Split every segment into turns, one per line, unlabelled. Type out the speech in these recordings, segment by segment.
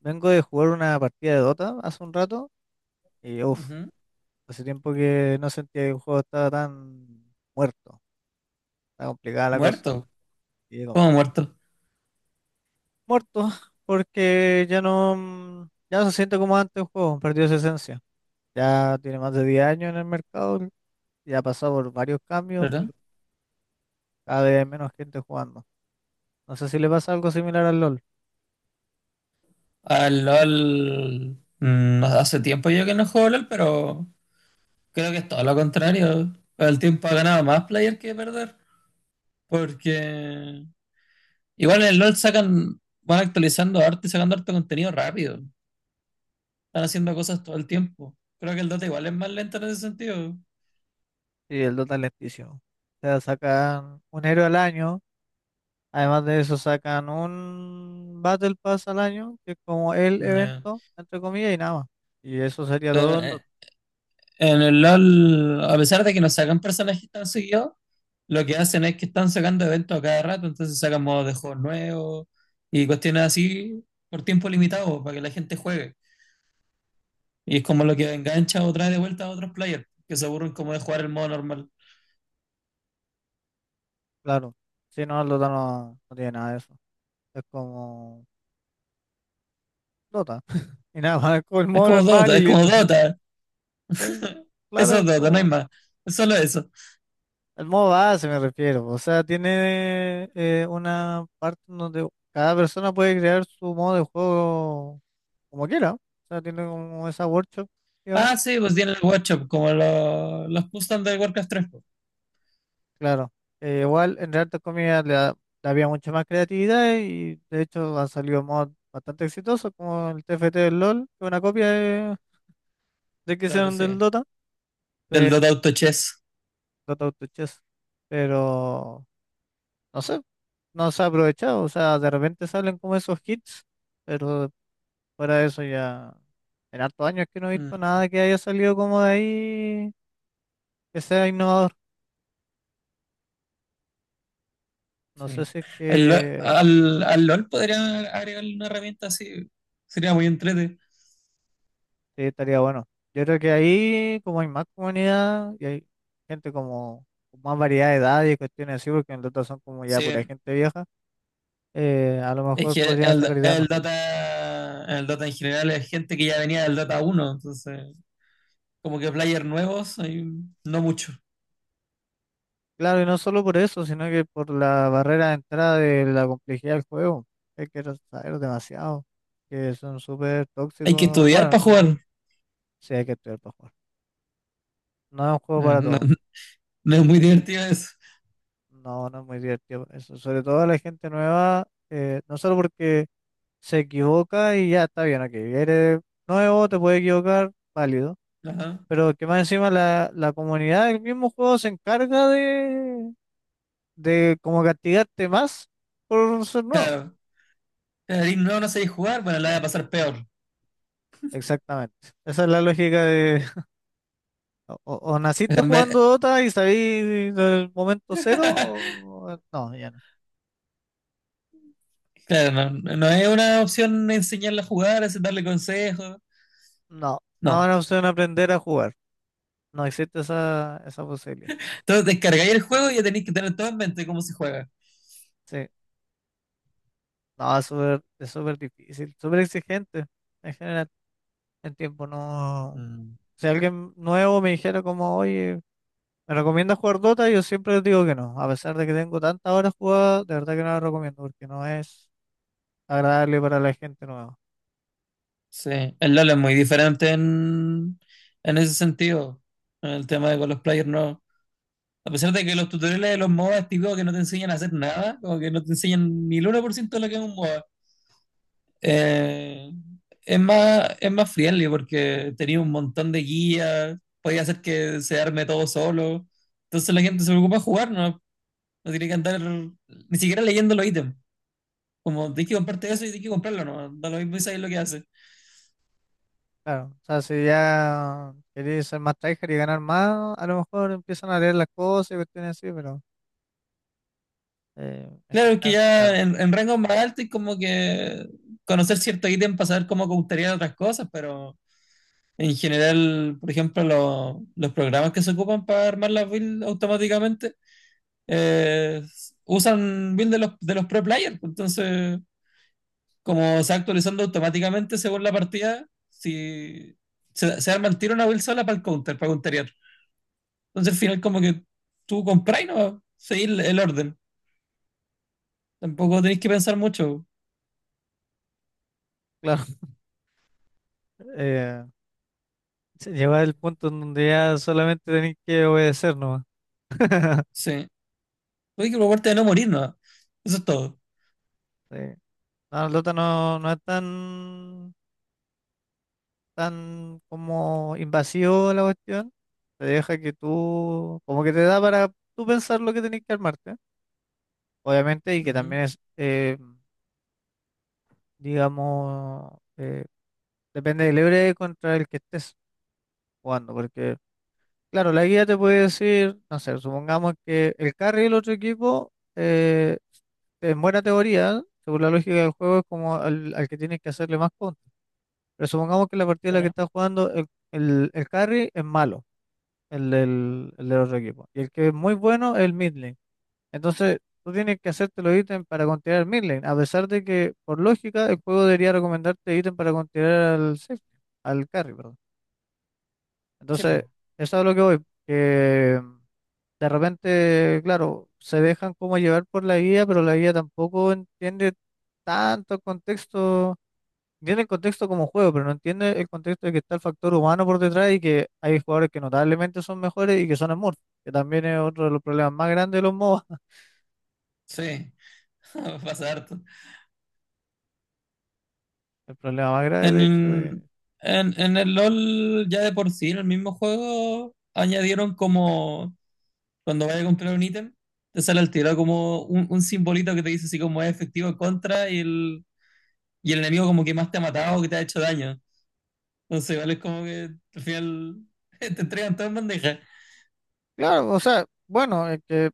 Vengo de jugar una partida de Dota hace un rato y uff,
Ujú.
hace tiempo que no sentía que el juego estaba tan muerto, tan complicada la cosa.
Muerto.
Y digo,
¿Cómo muerto?
muerto, porque ya no, ya no se siente como antes el juego, perdió su esencia. Ya tiene más de 10 años en el mercado, ya ha pasado por varios cambios,
¿Verdad?
pero cada vez hay menos gente jugando. No sé si le pasa algo similar al LOL.
Al LOL. No, hace tiempo yo que no juego LOL, pero creo que es todo lo contrario. El tiempo ha ganado más player que perder. Porque igual en el LOL sacan, van actualizando arte y sacando harto contenido rápido. Están haciendo cosas todo el tiempo. Creo que el Dota igual es más lento en ese sentido.
Sí, el Dota es lentísimo. O sea, sacan un héroe al año. Además de eso, sacan un Battle Pass al año, que es como el
Ya.
evento, entre comillas, y nada más. Y eso sería
Pero,
todo el Dota,
en el LOL, a pesar de que no sacan personajes tan seguidos, lo que hacen es que están sacando eventos a cada rato, entonces sacan modos de juegos nuevos y cuestiones así por tiempo limitado para que la gente juegue. Y es como lo que engancha o trae de vuelta a otros players que se aburren como de jugar el modo normal.
claro. Si no, el Dota no, no tiene nada de eso. Es como Dota. Y nada más, es como el
Es
modo
como
normal
Dota,
y
es como
listo.
Dota.
Sí,
Eso
claro,
es
es
Dota, no hay
como
más. Es solo eso.
el modo base me refiero. O sea, tiene una parte en donde cada persona puede crear su modo de juego como quiera. O sea, tiene como esa workshop, digamos.
Ah, sí, pues tiene el workshop, como los custom del Warcraft 3. Pues
Claro, igual en Real Comida le, da- le había mucha más creatividad y de hecho han salido mods bastante exitosos como el TFT del LOL, que es una copia de que
claro,
hicieron del
sí.
Dota,
Del
pero
Dota Auto Chess.
Dota Auto Chess. Pero no sé, no se ha aprovechado, o sea, de repente salen como esos hits, pero fuera de eso ya en hartos años que no he
Mm,
visto nada que haya salido como de ahí que sea innovador. No sé
sí.
si es
El lo-
que
al, al LOL podrían agregarle una herramienta así. Sería muy entrete.
Sí, estaría bueno. Yo creo que ahí, como hay más comunidad y hay gente como con más variedad de edades y cuestiones así, porque en el otro son como ya pura
Sí.
gente vieja, a lo
Es
mejor
que
podrían
el,
sacar ideas
el
mejores.
Dota, el Dota en general es gente que ya venía del Dota uno, entonces como que players nuevos, hay no mucho.
Claro, y no solo por eso, sino que por la barrera de entrada de la complejidad del juego. Hay que saber demasiado, que son súper
Hay que
tóxicos.
estudiar
Bueno,
para
no igual.
jugar.
Sí, hay que estudiar para jugar. No es un juego
No,
para
no-
todos.
no es muy divertido eso.
No, no es muy divertido. Eso, sobre todo a la gente nueva, no solo porque se equivoca y ya está bien, ok. Eres nuevo, te puede equivocar, válido.
Ajá.
Pero que más encima la comunidad del mismo juego se encarga de como castigarte más por ser nuevo.
Claro, claro, y no, no sabéis jugar, bueno, la voy a pasar peor.
Exactamente. Esa es la lógica de o naciste
En vez-
jugando Dota y salí del momento cero, o no, ya no.
Claro, no, no es una opción enseñarla a jugar, es darle consejos.
No, no
No.
van a opción aprender a jugar. No existe esa, esa posibilidad.
Entonces descargáis el juego y ya tenéis que tener todo en mente cómo se juega.
Sí. No, es súper difícil, súper exigente en general, en tiempo no. Si alguien nuevo me dijera como, oye, ¿me recomiendas jugar Dota? Yo siempre les digo que no. A pesar de que tengo tantas horas jugadas, de verdad que no lo recomiendo porque no es agradable para la gente nueva.
Sí, el LoL es muy diferente en ese sentido. En el tema de con los players, no. A pesar de que los tutoriales de los MOBA es típico que no te enseñan a hacer nada, como que no te enseñan ni el uno por ciento de lo que es un MOBA. Eh, es más, es más friendly porque tenía un montón de guías, podía hacer que se arme todo solo. Entonces la gente se preocupa de jugar, ¿no? No tiene que andar ni siquiera leyendo los ítems. Como tienes que comprarte eso y tienes que comprarlo, ¿no? Da lo mismo y sabes lo que hace.
Claro, o sea, si ya queréis ser más tryhard y ganar más, a lo mejor empiezan a leer las cosas y cuestiones así, pero en
Claro, que
general,
ya
claro,
en rango más altos y como que conocer cierto ítem para saber cómo gustaría otras cosas, pero en general, por ejemplo, los programas que se ocupan para armar las builds automáticamente eh, usan builds de de los pre-players. Pues entonces, como se va actualizando automáticamente según la partida, si se arma el tiro una build sola para el counter, para counterear. Entonces, al final, como que tú compras y no seguir el orden. Tampoco tenéis que pensar mucho.
claro. Eh, se lleva el punto en donde ya solamente tenéis que obedecer nomás.
Sí. Hay que preocuparte de no morir, ¿no? Eso es todo.
Sí. No, el Dota no, no es tan tan como invasivo la cuestión, te deja que tú, como que te da para tú pensar lo que tenés que armarte, obviamente, y que
Ujú.
también es, digamos, depende del héroe contra el que estés jugando, porque, claro, la guía te puede decir, no sé, supongamos que el carry del otro equipo, en buena teoría, según la lógica del juego, es como al, al que tienes que hacerle más contra. Pero supongamos que la partida en la que
Pero,
estás jugando, el carry es malo, el del otro equipo. Y el que es muy bueno es el mid lane. Entonces, tú tienes que hacerte los ítems para continuar el mid lane, a pesar de que, por lógica, el juego debería recomendarte ítems para continuar al safe, al carry, perdón.
sí,
Entonces,
po.
eso es a lo que voy. Que de repente, claro, se dejan como llevar por la guía, pero la guía tampoco entiende tanto el contexto. Entiende el contexto como juego, pero no entiende el contexto de que está el factor humano por detrás y que hay jugadores que notablemente son mejores y que son smurfs, que también es otro de los problemas más grandes de los MOBA,
Sí, pasa harto.
el problema más grave de hecho de...
En, en el LOL, ya de por sí, en el mismo juego, añadieron como cuando vayas a comprar un ítem, te sale al tiro como un simbolito que te dice así como es efectivo en contra y y el enemigo como que más te ha matado o que te ha hecho daño. Entonces, igual es como que al final te entregan todo en bandeja.
Claro, o sea, bueno, es que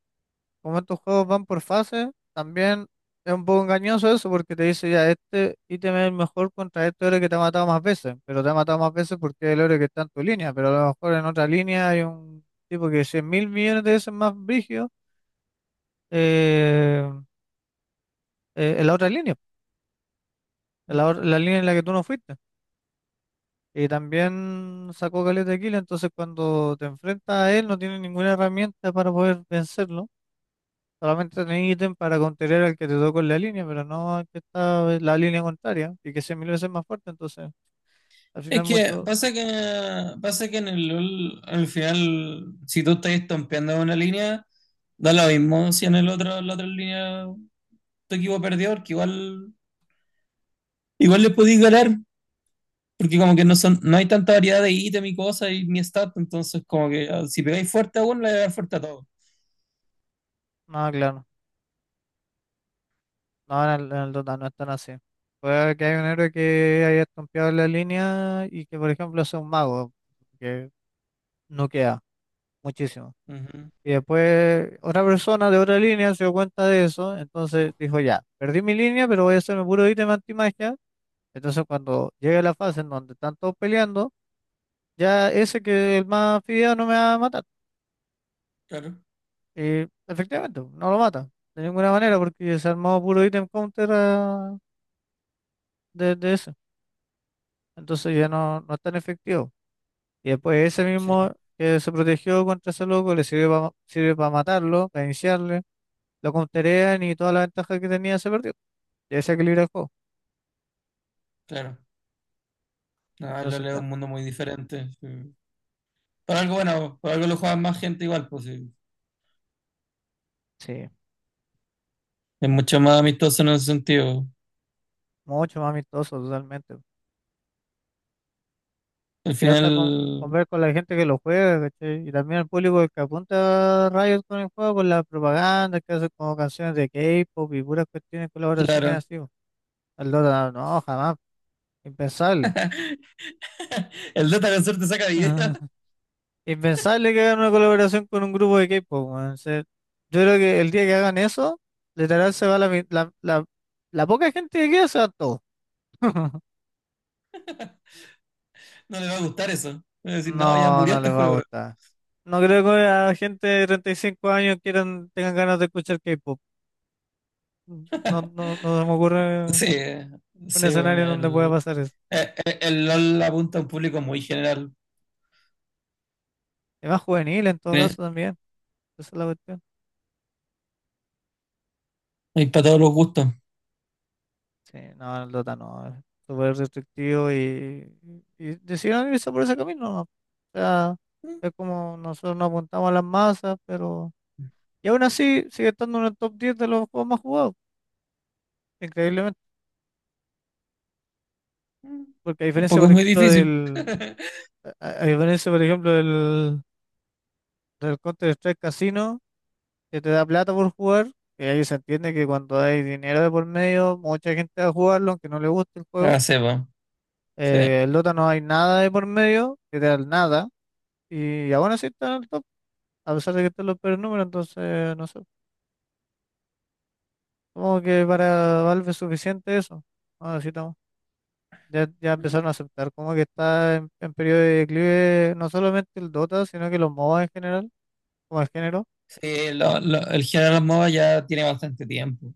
como estos juegos van por fases, también es un poco engañoso eso porque te dice ya, este ítem es el mejor contra este héroe que te ha matado más veces, pero te ha matado más veces porque es el héroe que está en tu línea, pero a lo mejor en otra línea hay un tipo que es 100 mil millones de veces más brígido eh, en la otra línea. La, or- la línea en la que tú no fuiste. Y también sacó caleta de kill, entonces cuando te enfrentas a él no tienes ninguna herramienta para poder vencerlo. Solamente tenés ítem para contener al que te tocó en la línea, pero no al que está en la línea contraria y que sea mil veces más fuerte. Entonces, al
Es
final
que
mucho,
pasa que en el LOL, al final, si tú estás estompeando una línea, da lo mismo si en el otro, la otra línea tu equipo perdió, porque igual, igual le podéis ganar, porque como que no son, no hay tanta variedad de ítem y cosas y ni stat, entonces como que ah, si pegáis fuerte a uno, le pegáis fuerte a todos.
nada claro. No, en el Dota no es tan así. Puede que haya un héroe que haya estompeado en la línea y que, por ejemplo, sea un mago, que no queda muchísimo.
Ujú,
Y después otra persona de otra línea se dio cuenta de eso, entonces dijo, ya, perdí mi línea, pero voy a hacerme puro ítem antimagia. Entonces cuando llegue la fase en donde están todos peleando, ya ese que el más fideo no me va a matar.
claro,
Y efectivamente, no lo mata, de ninguna manera, porque se armó puro ítem counter ah, de ese. Entonces ya no, no es tan efectivo. Y después ese
sí,
mismo que se protegió contra ese loco le sirve para sirve para matarlo, para iniciarle, lo counterean y toda la ventaja que tenía se perdió. Ya se equilibra el juego.
claro. No, el
Entonces,
LOL es
claro,
un mundo muy diferente, sí. Por algo bueno, por algo lo juega más gente igual, pues sí.
sí,
Es mucho más amistoso en ese sentido.
mucho más amistoso totalmente.
Al
Se hasta con
final,
ver con la gente que lo juega, ¿cachai? Y también el público que apunta a Riot con el juego, con la propaganda que hace como canciones de K-pop y puras cuestiones, colaboraciones
claro,
así, po. El Dota, no, jamás, impensable.
el Data con suerte saca video,
Ah, impensable que hagan una colaboración con un grupo de K-pop, weón. O sea, yo creo que el día que hagan eso, literal se va la, mi- la poca gente que queda, se va todo.
no le va a gustar eso. Va a decir,
No,
no, ya murió
no
este
les va a
juego.
gustar. No creo que a gente de 35 años quieran, tengan ganas de escuchar K-pop. No, no, no se me ocurre
Sí,
un
sí,
escenario en donde pueda pasar eso.
el, el LOL apunta a un público muy general.
Es más juvenil en todo
Eh,
caso también. Esa es la cuestión.
Hay para todos los gustos.
Sí, no, el Dota no. Es súper restrictivo y decidieron irse por ese camino, ¿no? O sea, es como nosotros nos apuntamos a las masas, pero... Y aún así sigue estando en el top 10 de los juegos más jugados. Increíblemente. Porque a diferencia,
Tampoco
por
es muy
ejemplo,
difícil.
del... A a diferencia, por ejemplo, del... Del Counter-Strike Casino que te da plata por jugar, que ahí se entiende que cuando hay dinero de por medio, mucha gente va a jugarlo, aunque no le guste el
Ah,
juego.
sí, po, sí.
El Dota no hay nada de por medio, que te da el nada, y aún así está en el top, a pesar de que están los peores números, entonces no sé. Como que para Valve es suficiente eso. No necesitamos. Ya, ya empezaron a aceptar como que está en periodo de declive no solamente el Dota, sino que los MOBA en general, como el género.
Sí, el general MOBA ya tiene bastante tiempo.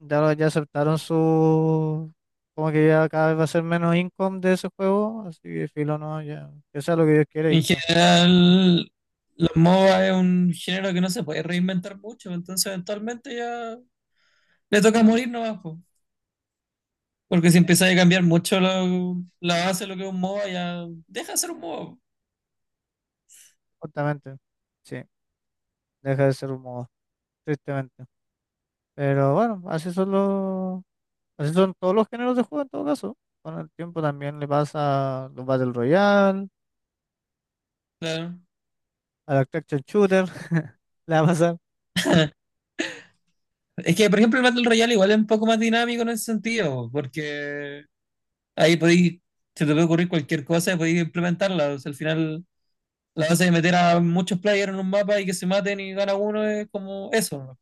Ya, lo- ya aceptaron su... Como que ya cada vez va a ser menos income de ese juego, así que filo, no, ya. Que sea lo que Dios quiera y
En
chao.
general, los MOBA es un género que no se puede reinventar mucho, entonces eventualmente ya le toca morir nomás, po. Porque si empezáis a cambiar mucho la base de lo que es un MOBA, ya deja de ser un MOBA.
Justamente. Sí, deja de ser un modo, tristemente. Pero bueno, así son los, así son todos los géneros de juego en todo caso. Con el tiempo también le pasa a los Battle Royale,
Claro.
a la Action Shooter, le va a pasar.
Es que, por ejemplo, el Battle Royale igual es un poco más dinámico en ese sentido, porque ahí podéis, se te puede ocurrir cualquier cosa y podéis implementarla. O sea, al final, la base de meter a muchos players en un mapa y que se maten y gana uno es como eso, ¿no?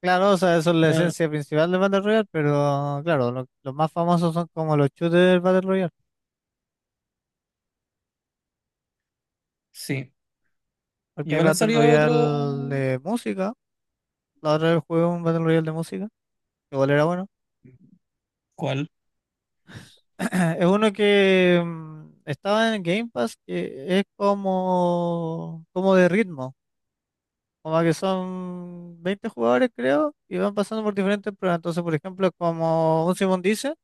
Claro, o sea, eso es la
Ah,
esencia principal de Battle Royale, pero claro, lo- los más famosos son como los shooters Battle Royale.
sí.
Porque hay
Igual han
Battle
salido
Royale
otro.
de música. La otra vez jugué un Battle Royale de música. Igual era bueno.
¿Cuál?
Es uno que estaba en Game Pass, que es como, como de ritmo. Como que son 20 jugadores, creo, y van pasando por diferentes pruebas. Entonces, por ejemplo, como un Simón dice,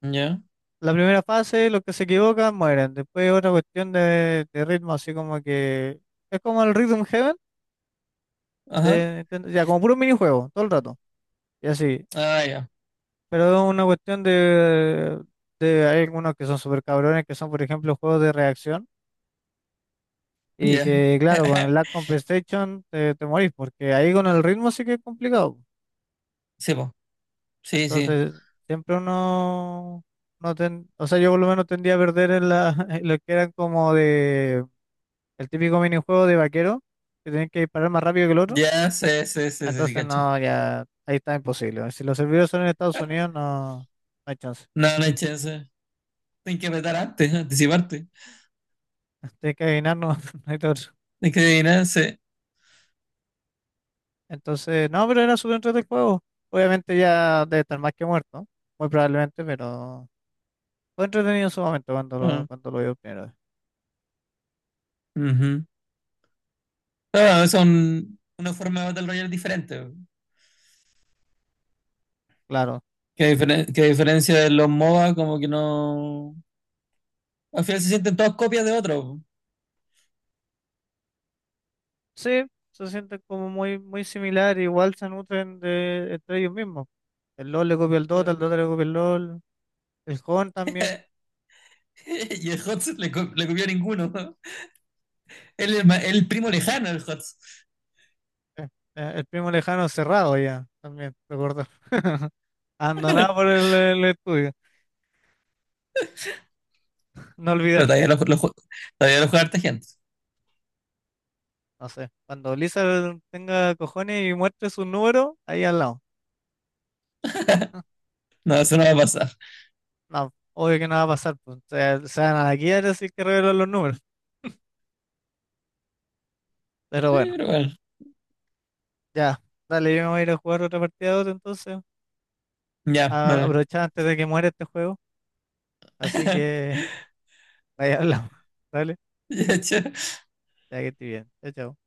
¿Ya?
la primera fase, los que se equivocan mueren. Después otra cuestión de ritmo, así como que es como el Rhythm Heaven,
Ajá.
de Nintendo, ya como puro minijuego, todo el rato. Y así.
Ah, ya.
Pero es una cuestión de hay algunos que son súper cabrones, que son, por ejemplo, juegos de reacción. Y
Ya.
que, claro, con el lag con PlayStation te, te morís, porque ahí con el ritmo sí que es complicado.
Sí, po. Sí, sí.
Entonces, siempre uno, no ten, o sea, yo por lo menos tendía a perder en la, en lo que eran como de, el típico minijuego de vaquero, que tenés que disparar más rápido que el otro.
Ya, sí, sí, sí, sí, sí,
Entonces,
cacho.
no, ya, ahí está imposible. Si los servidores son en Estados Unidos, no, no hay chance.
No, no hay chance. Tienes que apretar antes, anticiparte.
Tienes que adivinar, no, no hay todo.
Tienes que adivinar, sí.
Entonces, no, pero era súper entretenido el juego. Obviamente ya debe estar más que muerto, muy probablemente, pero fue entretenido en su momento
Ah,
cuando lo vi por primera vez.
ujú. Claro, es una forma de Battle Royale diferente, po.
Claro.
Que, que a diferencia de los MOBA, como que no. Al final se sienten todas copias de otro, ¿no?
Sí, se sienten como muy, muy similar, igual se nutren de, entre ellos mismos. El LOL le copia el
Claro.
Dota le copia el LOL, el Jon también,
Y el HOTS le, le copió a ninguno, ¿no? Él es el primo lejano del HOTS.
eh, el primo lejano cerrado ya, también, recuerdo. Abandonado por el estudio, no
Pero
olvidar,
todavía lo ju- todavía lo juega harta gente.
no sé. Cuando Lisa tenga cojones y muestre su número, ahí al lado.
No, eso no va a pasar. Sí,
No, obvio que no va a pasar, pues. O sea, se van a la quiebra si es que revelan los números. Pero bueno,
pero bueno.
ya. Dale, yo me voy a ir a jugar otra partida de otro entonces. A
Ya, no.
aprovechar antes de que muera este juego. Así que ahí hablamos. Dale,
Ya, chao.
ya que estoy bien. Chao, chao.